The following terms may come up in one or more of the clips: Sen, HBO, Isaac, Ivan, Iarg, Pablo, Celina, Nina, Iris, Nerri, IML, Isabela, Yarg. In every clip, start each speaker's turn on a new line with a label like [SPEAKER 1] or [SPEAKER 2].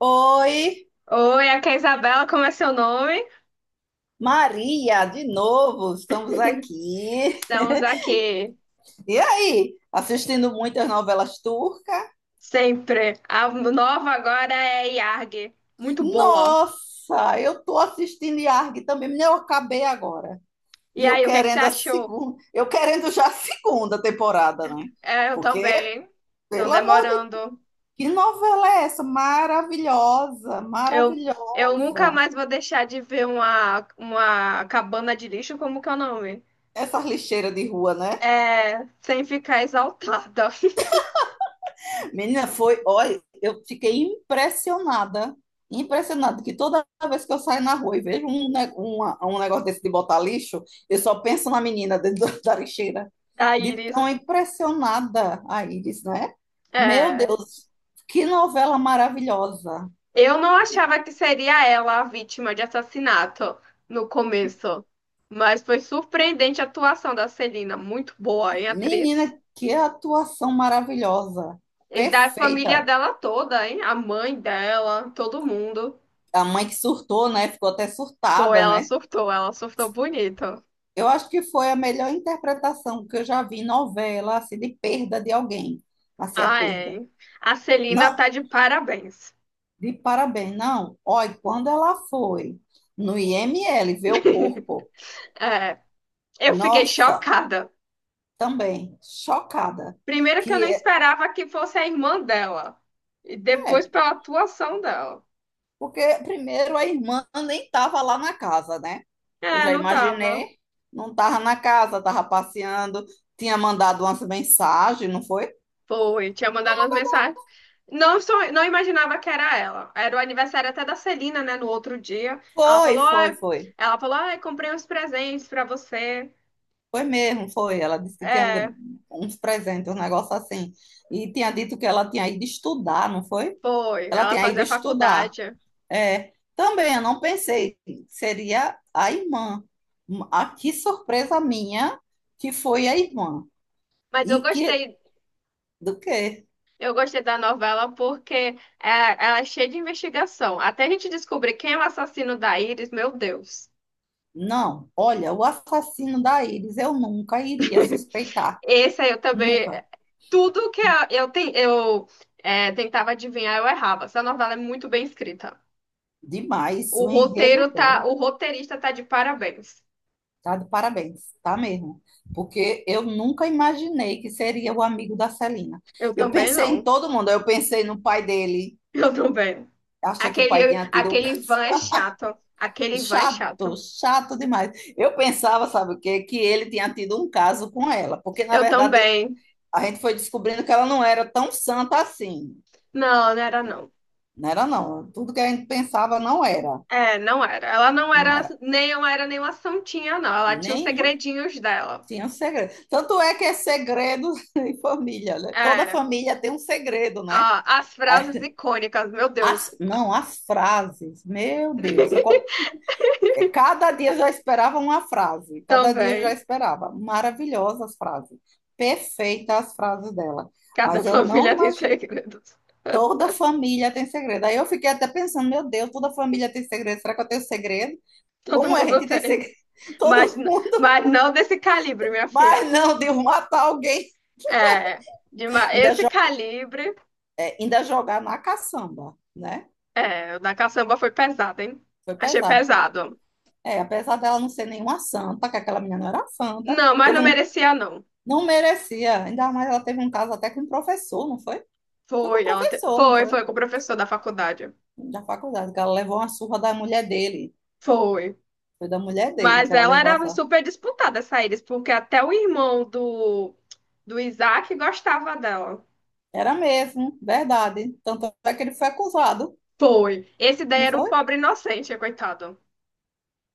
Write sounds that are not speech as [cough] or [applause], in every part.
[SPEAKER 1] Oi,
[SPEAKER 2] Oi, aqui é a Isabela, como é seu nome?
[SPEAKER 1] Maria, de novo, estamos aqui.
[SPEAKER 2] Estamos aqui
[SPEAKER 1] E aí, assistindo muitas novelas turcas?
[SPEAKER 2] sempre. A nova agora é Iarg, muito boa.
[SPEAKER 1] Nossa, eu tô assistindo Yarg também, nem eu acabei agora.
[SPEAKER 2] E
[SPEAKER 1] E eu
[SPEAKER 2] aí, o que é que você
[SPEAKER 1] querendo a
[SPEAKER 2] achou?
[SPEAKER 1] segunda, eu querendo já a segunda temporada, né?
[SPEAKER 2] É, eu
[SPEAKER 1] Porque,
[SPEAKER 2] também. Estão
[SPEAKER 1] pelo amor de Deus,
[SPEAKER 2] demorando.
[SPEAKER 1] que novela é essa? Maravilhosa,
[SPEAKER 2] Eu, eu nunca
[SPEAKER 1] maravilhosa.
[SPEAKER 2] mais vou deixar de ver uma cabana de lixo, como que é o nome?
[SPEAKER 1] Essas lixeiras de rua, né?
[SPEAKER 2] É, sem ficar exaltada.
[SPEAKER 1] Menina, foi, olha, eu fiquei impressionada, impressionada, que toda vez que eu saio na rua e vejo um, um negócio desse de botar lixo, eu só penso na menina dentro [laughs] da lixeira,
[SPEAKER 2] [laughs] A
[SPEAKER 1] de tão
[SPEAKER 2] Iris.
[SPEAKER 1] impressionada a Iris, né? Meu
[SPEAKER 2] É.
[SPEAKER 1] Deus, que novela maravilhosa.
[SPEAKER 2] Eu não achava que seria ela a vítima de assassinato no começo, mas foi surpreendente a atuação da Celina, muito boa, hein, atriz?
[SPEAKER 1] Menina, que atuação maravilhosa,
[SPEAKER 2] E da família
[SPEAKER 1] perfeita.
[SPEAKER 2] dela toda, hein? A mãe dela, todo mundo.
[SPEAKER 1] A mãe que surtou, né? Ficou até
[SPEAKER 2] Pô,
[SPEAKER 1] surtada, né?
[SPEAKER 2] ela surtou bonito.
[SPEAKER 1] Eu acho que foi a melhor interpretação que eu já vi em novela, assim, de perda de alguém. Assim, a
[SPEAKER 2] Ah, é,
[SPEAKER 1] perda.
[SPEAKER 2] hein? A Celina
[SPEAKER 1] Não,
[SPEAKER 2] tá de parabéns.
[SPEAKER 1] de parabéns, não. Olha, quando ela foi no IML ver o
[SPEAKER 2] [laughs]
[SPEAKER 1] corpo,
[SPEAKER 2] É, eu fiquei
[SPEAKER 1] nossa,
[SPEAKER 2] chocada.
[SPEAKER 1] também, chocada.
[SPEAKER 2] Primeiro que eu não
[SPEAKER 1] Que
[SPEAKER 2] esperava que fosse a irmã dela, e depois
[SPEAKER 1] é,
[SPEAKER 2] pela atuação dela.
[SPEAKER 1] porque primeiro a irmã nem estava lá na casa, né? Eu
[SPEAKER 2] É,
[SPEAKER 1] já
[SPEAKER 2] não tava.
[SPEAKER 1] imaginei, não estava na casa, estava passeando, tinha mandado umas mensagens, não foi?
[SPEAKER 2] Foi, tinha mandado as mensagens. Não, só, não imaginava que era ela. Era o aniversário até da Celina, né? No outro dia.
[SPEAKER 1] Foi, foi, foi.
[SPEAKER 2] Ela falou, ai, comprei uns presentes pra você.
[SPEAKER 1] Foi mesmo, foi. Ela disse que tinha
[SPEAKER 2] É,
[SPEAKER 1] uns presentes, um negócio assim. E tinha dito que ela tinha ido estudar, não foi?
[SPEAKER 2] foi.
[SPEAKER 1] Ela
[SPEAKER 2] Ela
[SPEAKER 1] tinha ido
[SPEAKER 2] fazia
[SPEAKER 1] estudar.
[SPEAKER 2] faculdade.
[SPEAKER 1] É, também, eu não pensei que seria a irmã. Ah, que surpresa minha que foi a irmã.
[SPEAKER 2] Mas eu
[SPEAKER 1] E
[SPEAKER 2] gostei,
[SPEAKER 1] que, do quê?
[SPEAKER 2] eu gostei da novela porque é, ela é cheia de investigação. Até a gente descobrir quem é o assassino da Iris, meu Deus.
[SPEAKER 1] Não, olha, o assassino da Iris eu nunca iria
[SPEAKER 2] [laughs]
[SPEAKER 1] suspeitar.
[SPEAKER 2] Esse aí eu também.
[SPEAKER 1] Nunca.
[SPEAKER 2] Tudo que eu tentava adivinhar, eu errava. Essa novela é muito bem escrita.
[SPEAKER 1] Demais,
[SPEAKER 2] O
[SPEAKER 1] o enredo
[SPEAKER 2] roteiro tá,
[SPEAKER 1] dela.
[SPEAKER 2] o roteirista tá de parabéns.
[SPEAKER 1] Tá de parabéns, tá mesmo. Porque eu nunca imaginei que seria o amigo da Celina.
[SPEAKER 2] Eu
[SPEAKER 1] Eu
[SPEAKER 2] também
[SPEAKER 1] pensei em
[SPEAKER 2] não.
[SPEAKER 1] todo mundo, eu pensei no pai dele.
[SPEAKER 2] [laughs] Eu também.
[SPEAKER 1] Achei que o pai
[SPEAKER 2] Aquele,
[SPEAKER 1] tinha tido um
[SPEAKER 2] aquele
[SPEAKER 1] caso
[SPEAKER 2] Ivan é chato. Aquele
[SPEAKER 1] [laughs]
[SPEAKER 2] Ivan é
[SPEAKER 1] chato,
[SPEAKER 2] chato.
[SPEAKER 1] chato demais. Eu pensava, sabe o quê? Que ele tinha tido um caso com ela, porque na
[SPEAKER 2] Eu
[SPEAKER 1] verdade
[SPEAKER 2] também.
[SPEAKER 1] a gente foi descobrindo que ela não era tão santa assim.
[SPEAKER 2] Não, não era não.
[SPEAKER 1] Não era, não. Tudo que a gente pensava não era.
[SPEAKER 2] É, não era. Ela não
[SPEAKER 1] Não
[SPEAKER 2] era
[SPEAKER 1] era
[SPEAKER 2] nem não era nenhuma santinha, não. Ela tinha os
[SPEAKER 1] nenhuma.
[SPEAKER 2] segredinhos dela.
[SPEAKER 1] Tinha um segredo. Tanto é que é segredo [laughs] em família, né? Toda
[SPEAKER 2] É.
[SPEAKER 1] família tem um segredo, né?
[SPEAKER 2] Ah, as frases icônicas, meu Deus.
[SPEAKER 1] As, não, as frases, meu Deus, eu,
[SPEAKER 2] [laughs]
[SPEAKER 1] cada dia eu já esperava uma frase, cada dia eu já
[SPEAKER 2] Também.
[SPEAKER 1] esperava. Maravilhosas as frases, perfeitas as frases dela.
[SPEAKER 2] Cada
[SPEAKER 1] Mas eu não
[SPEAKER 2] família tem
[SPEAKER 1] imagino,
[SPEAKER 2] segredos.
[SPEAKER 1] toda família tem segredo. Aí eu fiquei até pensando, meu Deus, toda família tem segredo, será que eu tenho segredo?
[SPEAKER 2] Todo
[SPEAKER 1] Como é, a
[SPEAKER 2] mundo
[SPEAKER 1] gente tem
[SPEAKER 2] tem.
[SPEAKER 1] segredo? [laughs]
[SPEAKER 2] Mas,
[SPEAKER 1] Todo
[SPEAKER 2] n-
[SPEAKER 1] mundo,
[SPEAKER 2] mas não desse calibre, minha filha.
[SPEAKER 1] mas não, de um matar alguém,
[SPEAKER 2] É,
[SPEAKER 1] ainda,
[SPEAKER 2] esse
[SPEAKER 1] jo-
[SPEAKER 2] calibre,
[SPEAKER 1] ainda jogar na caçamba, né?
[SPEAKER 2] é, o da caçamba foi pesado, hein?
[SPEAKER 1] Foi
[SPEAKER 2] Achei
[SPEAKER 1] pesado, pô.
[SPEAKER 2] pesado.
[SPEAKER 1] É, apesar dela não ser nenhuma santa, que aquela menina não era santa,
[SPEAKER 2] Não, mas
[SPEAKER 1] teve
[SPEAKER 2] não
[SPEAKER 1] um...
[SPEAKER 2] merecia, não.
[SPEAKER 1] Não merecia. Ainda mais ela teve um caso até com um professor, não foi? Foi com um
[SPEAKER 2] Foi, ela te-
[SPEAKER 1] professor, não
[SPEAKER 2] foi,
[SPEAKER 1] foi?
[SPEAKER 2] foi com o professor da faculdade.
[SPEAKER 1] Da faculdade, que ela levou uma surra da mulher dele.
[SPEAKER 2] Foi.
[SPEAKER 1] Foi da mulher dele
[SPEAKER 2] Mas
[SPEAKER 1] que ela
[SPEAKER 2] ela
[SPEAKER 1] levou
[SPEAKER 2] era
[SPEAKER 1] essa.
[SPEAKER 2] super disputada, essa Iris, porque até o irmão do Isaac gostava dela.
[SPEAKER 1] Era mesmo, verdade. Tanto é que ele foi acusado,
[SPEAKER 2] Foi. Esse daí
[SPEAKER 1] não
[SPEAKER 2] era um
[SPEAKER 1] foi?
[SPEAKER 2] pobre inocente, coitado.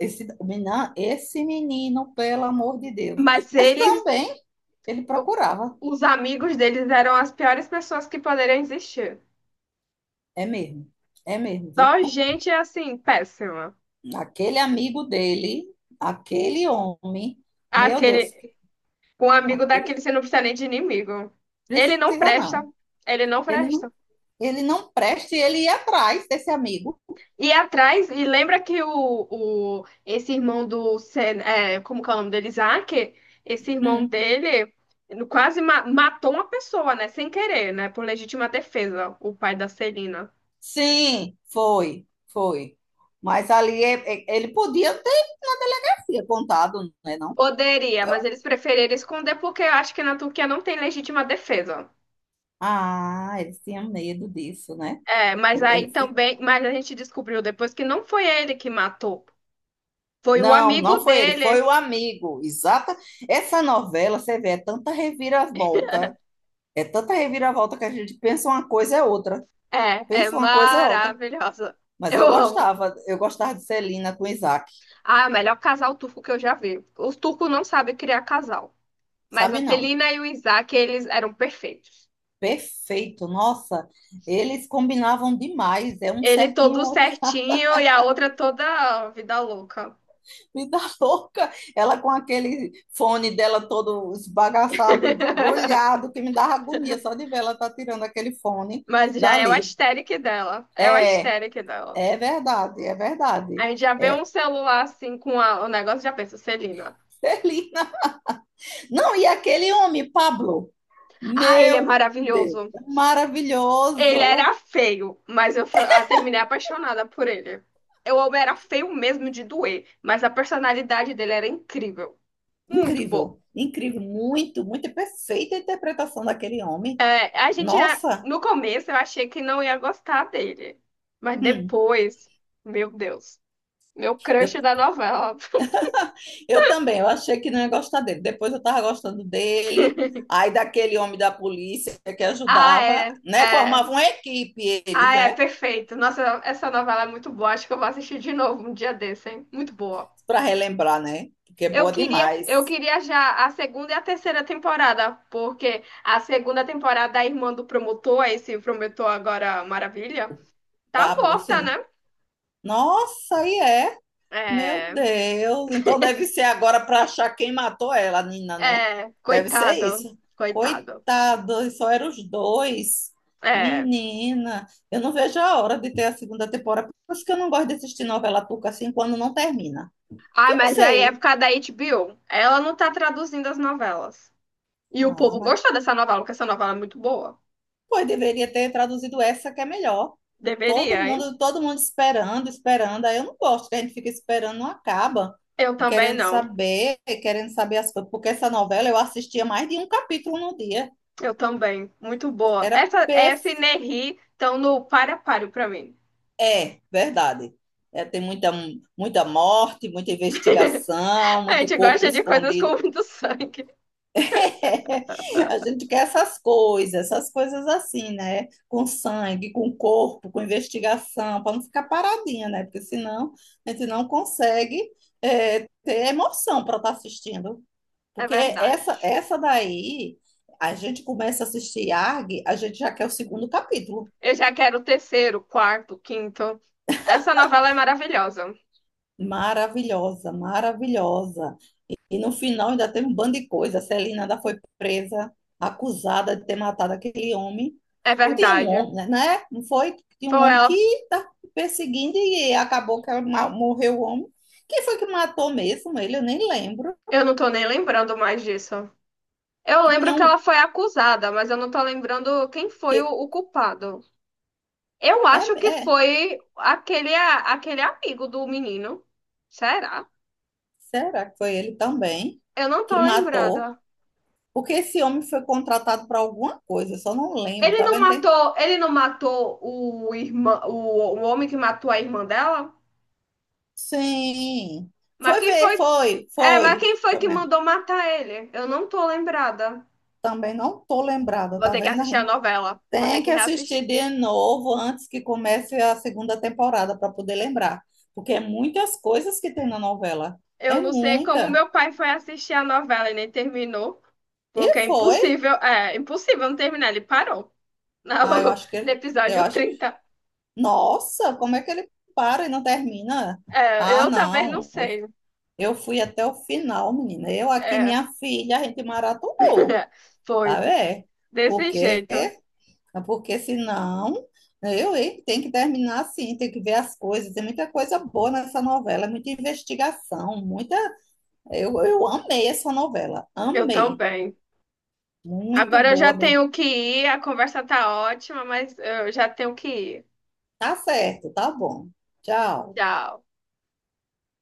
[SPEAKER 1] Esse menino, pelo amor de Deus.
[SPEAKER 2] Mas
[SPEAKER 1] Mas também ele
[SPEAKER 2] o-
[SPEAKER 1] procurava.
[SPEAKER 2] os amigos deles eram as piores pessoas que poderiam existir.
[SPEAKER 1] É mesmo, é mesmo,
[SPEAKER 2] Só
[SPEAKER 1] viu?
[SPEAKER 2] gente, assim, péssima.
[SPEAKER 1] Aquele amigo dele, aquele homem, meu Deus,
[SPEAKER 2] Aquele,
[SPEAKER 1] que-
[SPEAKER 2] Com um amigo
[SPEAKER 1] aquele
[SPEAKER 2] daquele você não precisa nem de inimigo. Ele não
[SPEAKER 1] precisa
[SPEAKER 2] presta.
[SPEAKER 1] não.
[SPEAKER 2] Ele não
[SPEAKER 1] Ele não,
[SPEAKER 2] presta.
[SPEAKER 1] ele não presta e ele ia atrás desse amigo.
[SPEAKER 2] E atrás, e lembra que o esse irmão do Sen, como que é o nome dele? Isaac, esse irmão
[SPEAKER 1] Hum.
[SPEAKER 2] dele quase matou uma pessoa, né? Sem querer, né? Por legítima defesa, o pai da Celina.
[SPEAKER 1] Sim, foi, foi. Mas ali ele podia ter na delegacia contado, né, não?
[SPEAKER 2] Poderia,
[SPEAKER 1] Eu,
[SPEAKER 2] mas eles preferiram esconder porque eu acho que na Turquia não tem legítima defesa.
[SPEAKER 1] ah, eles tinham medo disso, né?
[SPEAKER 2] É, mas aí
[SPEAKER 1] Eles-
[SPEAKER 2] também, mas a gente descobriu depois que não foi ele que matou, foi o
[SPEAKER 1] não,
[SPEAKER 2] amigo
[SPEAKER 1] não foi ele, foi
[SPEAKER 2] dele.
[SPEAKER 1] o amigo. Exata. Essa novela, você vê, é tanta reviravolta que a gente pensa uma coisa é outra,
[SPEAKER 2] É, é
[SPEAKER 1] pensa uma coisa é outra.
[SPEAKER 2] maravilhosa.
[SPEAKER 1] Mas
[SPEAKER 2] Eu amo.
[SPEAKER 1] eu gostava de Celina com Isaac,
[SPEAKER 2] Ah, é o melhor casal turco que eu já vi. Os turcos não sabem criar casal. Mas a
[SPEAKER 1] sabe não?
[SPEAKER 2] Celina e o Isaac, eles eram perfeitos.
[SPEAKER 1] Perfeito, nossa, eles combinavam demais, é um
[SPEAKER 2] Ele
[SPEAKER 1] certinho,
[SPEAKER 2] todo
[SPEAKER 1] outra
[SPEAKER 2] certinho e a outra toda vida louca.
[SPEAKER 1] [laughs] vida louca, ela com aquele fone dela todo esbagaçado,
[SPEAKER 2] [laughs]
[SPEAKER 1] brulhado, que me dava agonia só de ver ela tá tirando aquele fone
[SPEAKER 2] Mas já é o
[SPEAKER 1] dali.
[SPEAKER 2] aesthetic dela. É o
[SPEAKER 1] É,
[SPEAKER 2] aesthetic dela.
[SPEAKER 1] é verdade, é
[SPEAKER 2] A
[SPEAKER 1] verdade.
[SPEAKER 2] gente já vê um
[SPEAKER 1] É,
[SPEAKER 2] celular assim com o negócio e já pensa, Celina.
[SPEAKER 1] [laughs] Celina. Não, e aquele homem, Pablo,
[SPEAKER 2] Ah, ele é
[SPEAKER 1] meu Deus,
[SPEAKER 2] maravilhoso.
[SPEAKER 1] é maravilhoso,
[SPEAKER 2] Ele
[SPEAKER 1] eu-
[SPEAKER 2] era feio, mas eu terminei apaixonada por ele. Eu era feio mesmo de doer, mas a personalidade dele era incrível. Muito bom.
[SPEAKER 1] incrível, incrível, muito, muito perfeita a interpretação daquele homem.
[SPEAKER 2] É,
[SPEAKER 1] Nossa,
[SPEAKER 2] no começo, eu achei que não ia gostar dele. Mas
[SPEAKER 1] hum,
[SPEAKER 2] depois, meu Deus, meu
[SPEAKER 1] eu,
[SPEAKER 2] crush da novela.
[SPEAKER 1] eu também, eu achei que não ia gostar dele. Depois eu estava gostando dele, aí daquele homem da polícia que
[SPEAKER 2] Ah,
[SPEAKER 1] ajudava,
[SPEAKER 2] é,
[SPEAKER 1] né?
[SPEAKER 2] é.
[SPEAKER 1] Formava uma equipe eles,
[SPEAKER 2] Ah, é,
[SPEAKER 1] né?
[SPEAKER 2] perfeito. Nossa, essa novela é muito boa. Acho que eu vou assistir de novo um dia desse, hein? Muito boa.
[SPEAKER 1] Para relembrar, né? Porque é
[SPEAKER 2] Eu
[SPEAKER 1] boa
[SPEAKER 2] queria, eu
[SPEAKER 1] demais.
[SPEAKER 2] queria já a segunda e a terceira temporada, porque a segunda temporada da irmã do promotor, esse promotor agora maravilha, tá
[SPEAKER 1] Pablo,
[SPEAKER 2] morta,
[SPEAKER 1] sim.
[SPEAKER 2] né?
[SPEAKER 1] Nossa, aí é. Meu
[SPEAKER 2] É,
[SPEAKER 1] Deus, então deve ser agora para achar quem matou ela, a Nina, né?
[SPEAKER 2] é,
[SPEAKER 1] Deve ser
[SPEAKER 2] coitado,
[SPEAKER 1] isso.
[SPEAKER 2] coitado.
[SPEAKER 1] Coitado, só eram os dois.
[SPEAKER 2] É.
[SPEAKER 1] Menina, eu não vejo a hora de ter a segunda temporada. Por isso que eu não gosto de assistir novela turca assim quando não termina. Porque
[SPEAKER 2] Ai,
[SPEAKER 1] eu não
[SPEAKER 2] mas aí é por
[SPEAKER 1] sei.
[SPEAKER 2] causa da HBO. Ela não tá traduzindo as novelas. E o povo
[SPEAKER 1] Ah,
[SPEAKER 2] gostou dessa novela, porque essa novela é muito boa.
[SPEAKER 1] pois deveria ter traduzido essa que é melhor.
[SPEAKER 2] Deveria, hein?
[SPEAKER 1] Todo mundo esperando, esperando. Aí eu não gosto que a gente fica esperando, não acaba.
[SPEAKER 2] Eu também não.
[SPEAKER 1] E querendo saber as coisas. Porque essa novela eu assistia mais de um capítulo no dia.
[SPEAKER 2] Eu também. Muito boa.
[SPEAKER 1] Era
[SPEAKER 2] Essa e
[SPEAKER 1] perf...
[SPEAKER 2] Nerri estão no páreo a páreo pra mim.
[SPEAKER 1] É, verdade. É, tem muita, muita morte, muita investigação,
[SPEAKER 2] A
[SPEAKER 1] muito
[SPEAKER 2] gente
[SPEAKER 1] corpo
[SPEAKER 2] gosta de coisas
[SPEAKER 1] escondido.
[SPEAKER 2] com muito sangue,
[SPEAKER 1] [laughs] A gente quer essas coisas assim, né? Com sangue, com corpo, com investigação, para não ficar paradinha, né? Porque senão a gente não consegue ter emoção para estar assistindo.
[SPEAKER 2] é
[SPEAKER 1] Porque
[SPEAKER 2] verdade.
[SPEAKER 1] essa daí, a gente começa a assistir ARG, a gente já quer o segundo capítulo.
[SPEAKER 2] Eu já quero o terceiro, quarto, quinto. Essa novela é maravilhosa,
[SPEAKER 1] Maravilhosa, maravilhosa. E no final ainda teve um bando de coisa. A Celina ainda foi presa, acusada de ter matado aquele homem.
[SPEAKER 2] é
[SPEAKER 1] Não tinha um
[SPEAKER 2] verdade.
[SPEAKER 1] homem, né? Né? Não foi? Tinha um
[SPEAKER 2] Foi
[SPEAKER 1] homem
[SPEAKER 2] ela,
[SPEAKER 1] que está perseguindo e acabou que morreu o homem. Quem foi que matou mesmo ele? Eu nem lembro.
[SPEAKER 2] eu não tô nem lembrando mais disso. Eu
[SPEAKER 1] Que
[SPEAKER 2] lembro
[SPEAKER 1] tinha
[SPEAKER 2] que
[SPEAKER 1] um.
[SPEAKER 2] ela foi acusada, mas eu não tô lembrando quem foi o,
[SPEAKER 1] Que,
[SPEAKER 2] o culpado. Eu
[SPEAKER 1] é,
[SPEAKER 2] acho que
[SPEAKER 1] é,
[SPEAKER 2] foi aquele amigo do menino. Será?
[SPEAKER 1] será que foi ele também
[SPEAKER 2] Eu não
[SPEAKER 1] que
[SPEAKER 2] tô
[SPEAKER 1] matou?
[SPEAKER 2] lembrada.
[SPEAKER 1] Porque esse homem foi contratado para alguma coisa, eu só não lembro,
[SPEAKER 2] Ele
[SPEAKER 1] tá
[SPEAKER 2] não
[SPEAKER 1] vendo? Tem-
[SPEAKER 2] matou, ele não matou o irmã, o homem que matou a irmã dela?
[SPEAKER 1] sim.
[SPEAKER 2] Mas
[SPEAKER 1] Foi
[SPEAKER 2] quem foi
[SPEAKER 1] ver, foi,
[SPEAKER 2] É, mas
[SPEAKER 1] foi.
[SPEAKER 2] quem foi
[SPEAKER 1] Foi
[SPEAKER 2] que
[SPEAKER 1] mesmo.
[SPEAKER 2] mandou matar ele? Eu não tô lembrada.
[SPEAKER 1] Também não tô lembrada,
[SPEAKER 2] Vou
[SPEAKER 1] tá
[SPEAKER 2] ter que
[SPEAKER 1] vendo?
[SPEAKER 2] assistir a
[SPEAKER 1] Aline?
[SPEAKER 2] novela. Vou ter
[SPEAKER 1] Tem
[SPEAKER 2] que
[SPEAKER 1] que
[SPEAKER 2] reassistir.
[SPEAKER 1] assistir de novo antes que comece a segunda temporada para poder lembrar, porque é muitas coisas que tem na novela.
[SPEAKER 2] Eu
[SPEAKER 1] É
[SPEAKER 2] não sei como
[SPEAKER 1] muita.
[SPEAKER 2] meu pai foi assistir a novela e nem terminou.
[SPEAKER 1] E
[SPEAKER 2] Porque é
[SPEAKER 1] foi.
[SPEAKER 2] impossível. É, impossível não terminar. Ele parou no,
[SPEAKER 1] Ah, eu acho que
[SPEAKER 2] [laughs] no
[SPEAKER 1] ele- eu
[SPEAKER 2] episódio
[SPEAKER 1] acho que
[SPEAKER 2] 30.
[SPEAKER 1] Nossa, como é que ele para e não termina?
[SPEAKER 2] É,
[SPEAKER 1] Ah,
[SPEAKER 2] eu também não
[SPEAKER 1] não.
[SPEAKER 2] sei.
[SPEAKER 1] Eu fui até o final, menina. Eu aqui,
[SPEAKER 2] É.
[SPEAKER 1] minha filha, a gente maratonou,
[SPEAKER 2] [laughs]
[SPEAKER 1] tá
[SPEAKER 2] Pois,
[SPEAKER 1] vendo?
[SPEAKER 2] desse
[SPEAKER 1] Porque...
[SPEAKER 2] jeito.
[SPEAKER 1] porque senão, né, eu, hein, tem que terminar assim, tem que ver as coisas. Tem muita coisa boa nessa novela, muita investigação, muita. Eu amei essa novela,
[SPEAKER 2] Eu
[SPEAKER 1] amei.
[SPEAKER 2] também.
[SPEAKER 1] Muito
[SPEAKER 2] Agora eu já
[SPEAKER 1] boa mesmo.
[SPEAKER 2] tenho que ir. A conversa tá ótima, mas eu já tenho que ir.
[SPEAKER 1] Tá certo, tá bom. Tchau.
[SPEAKER 2] Tchau.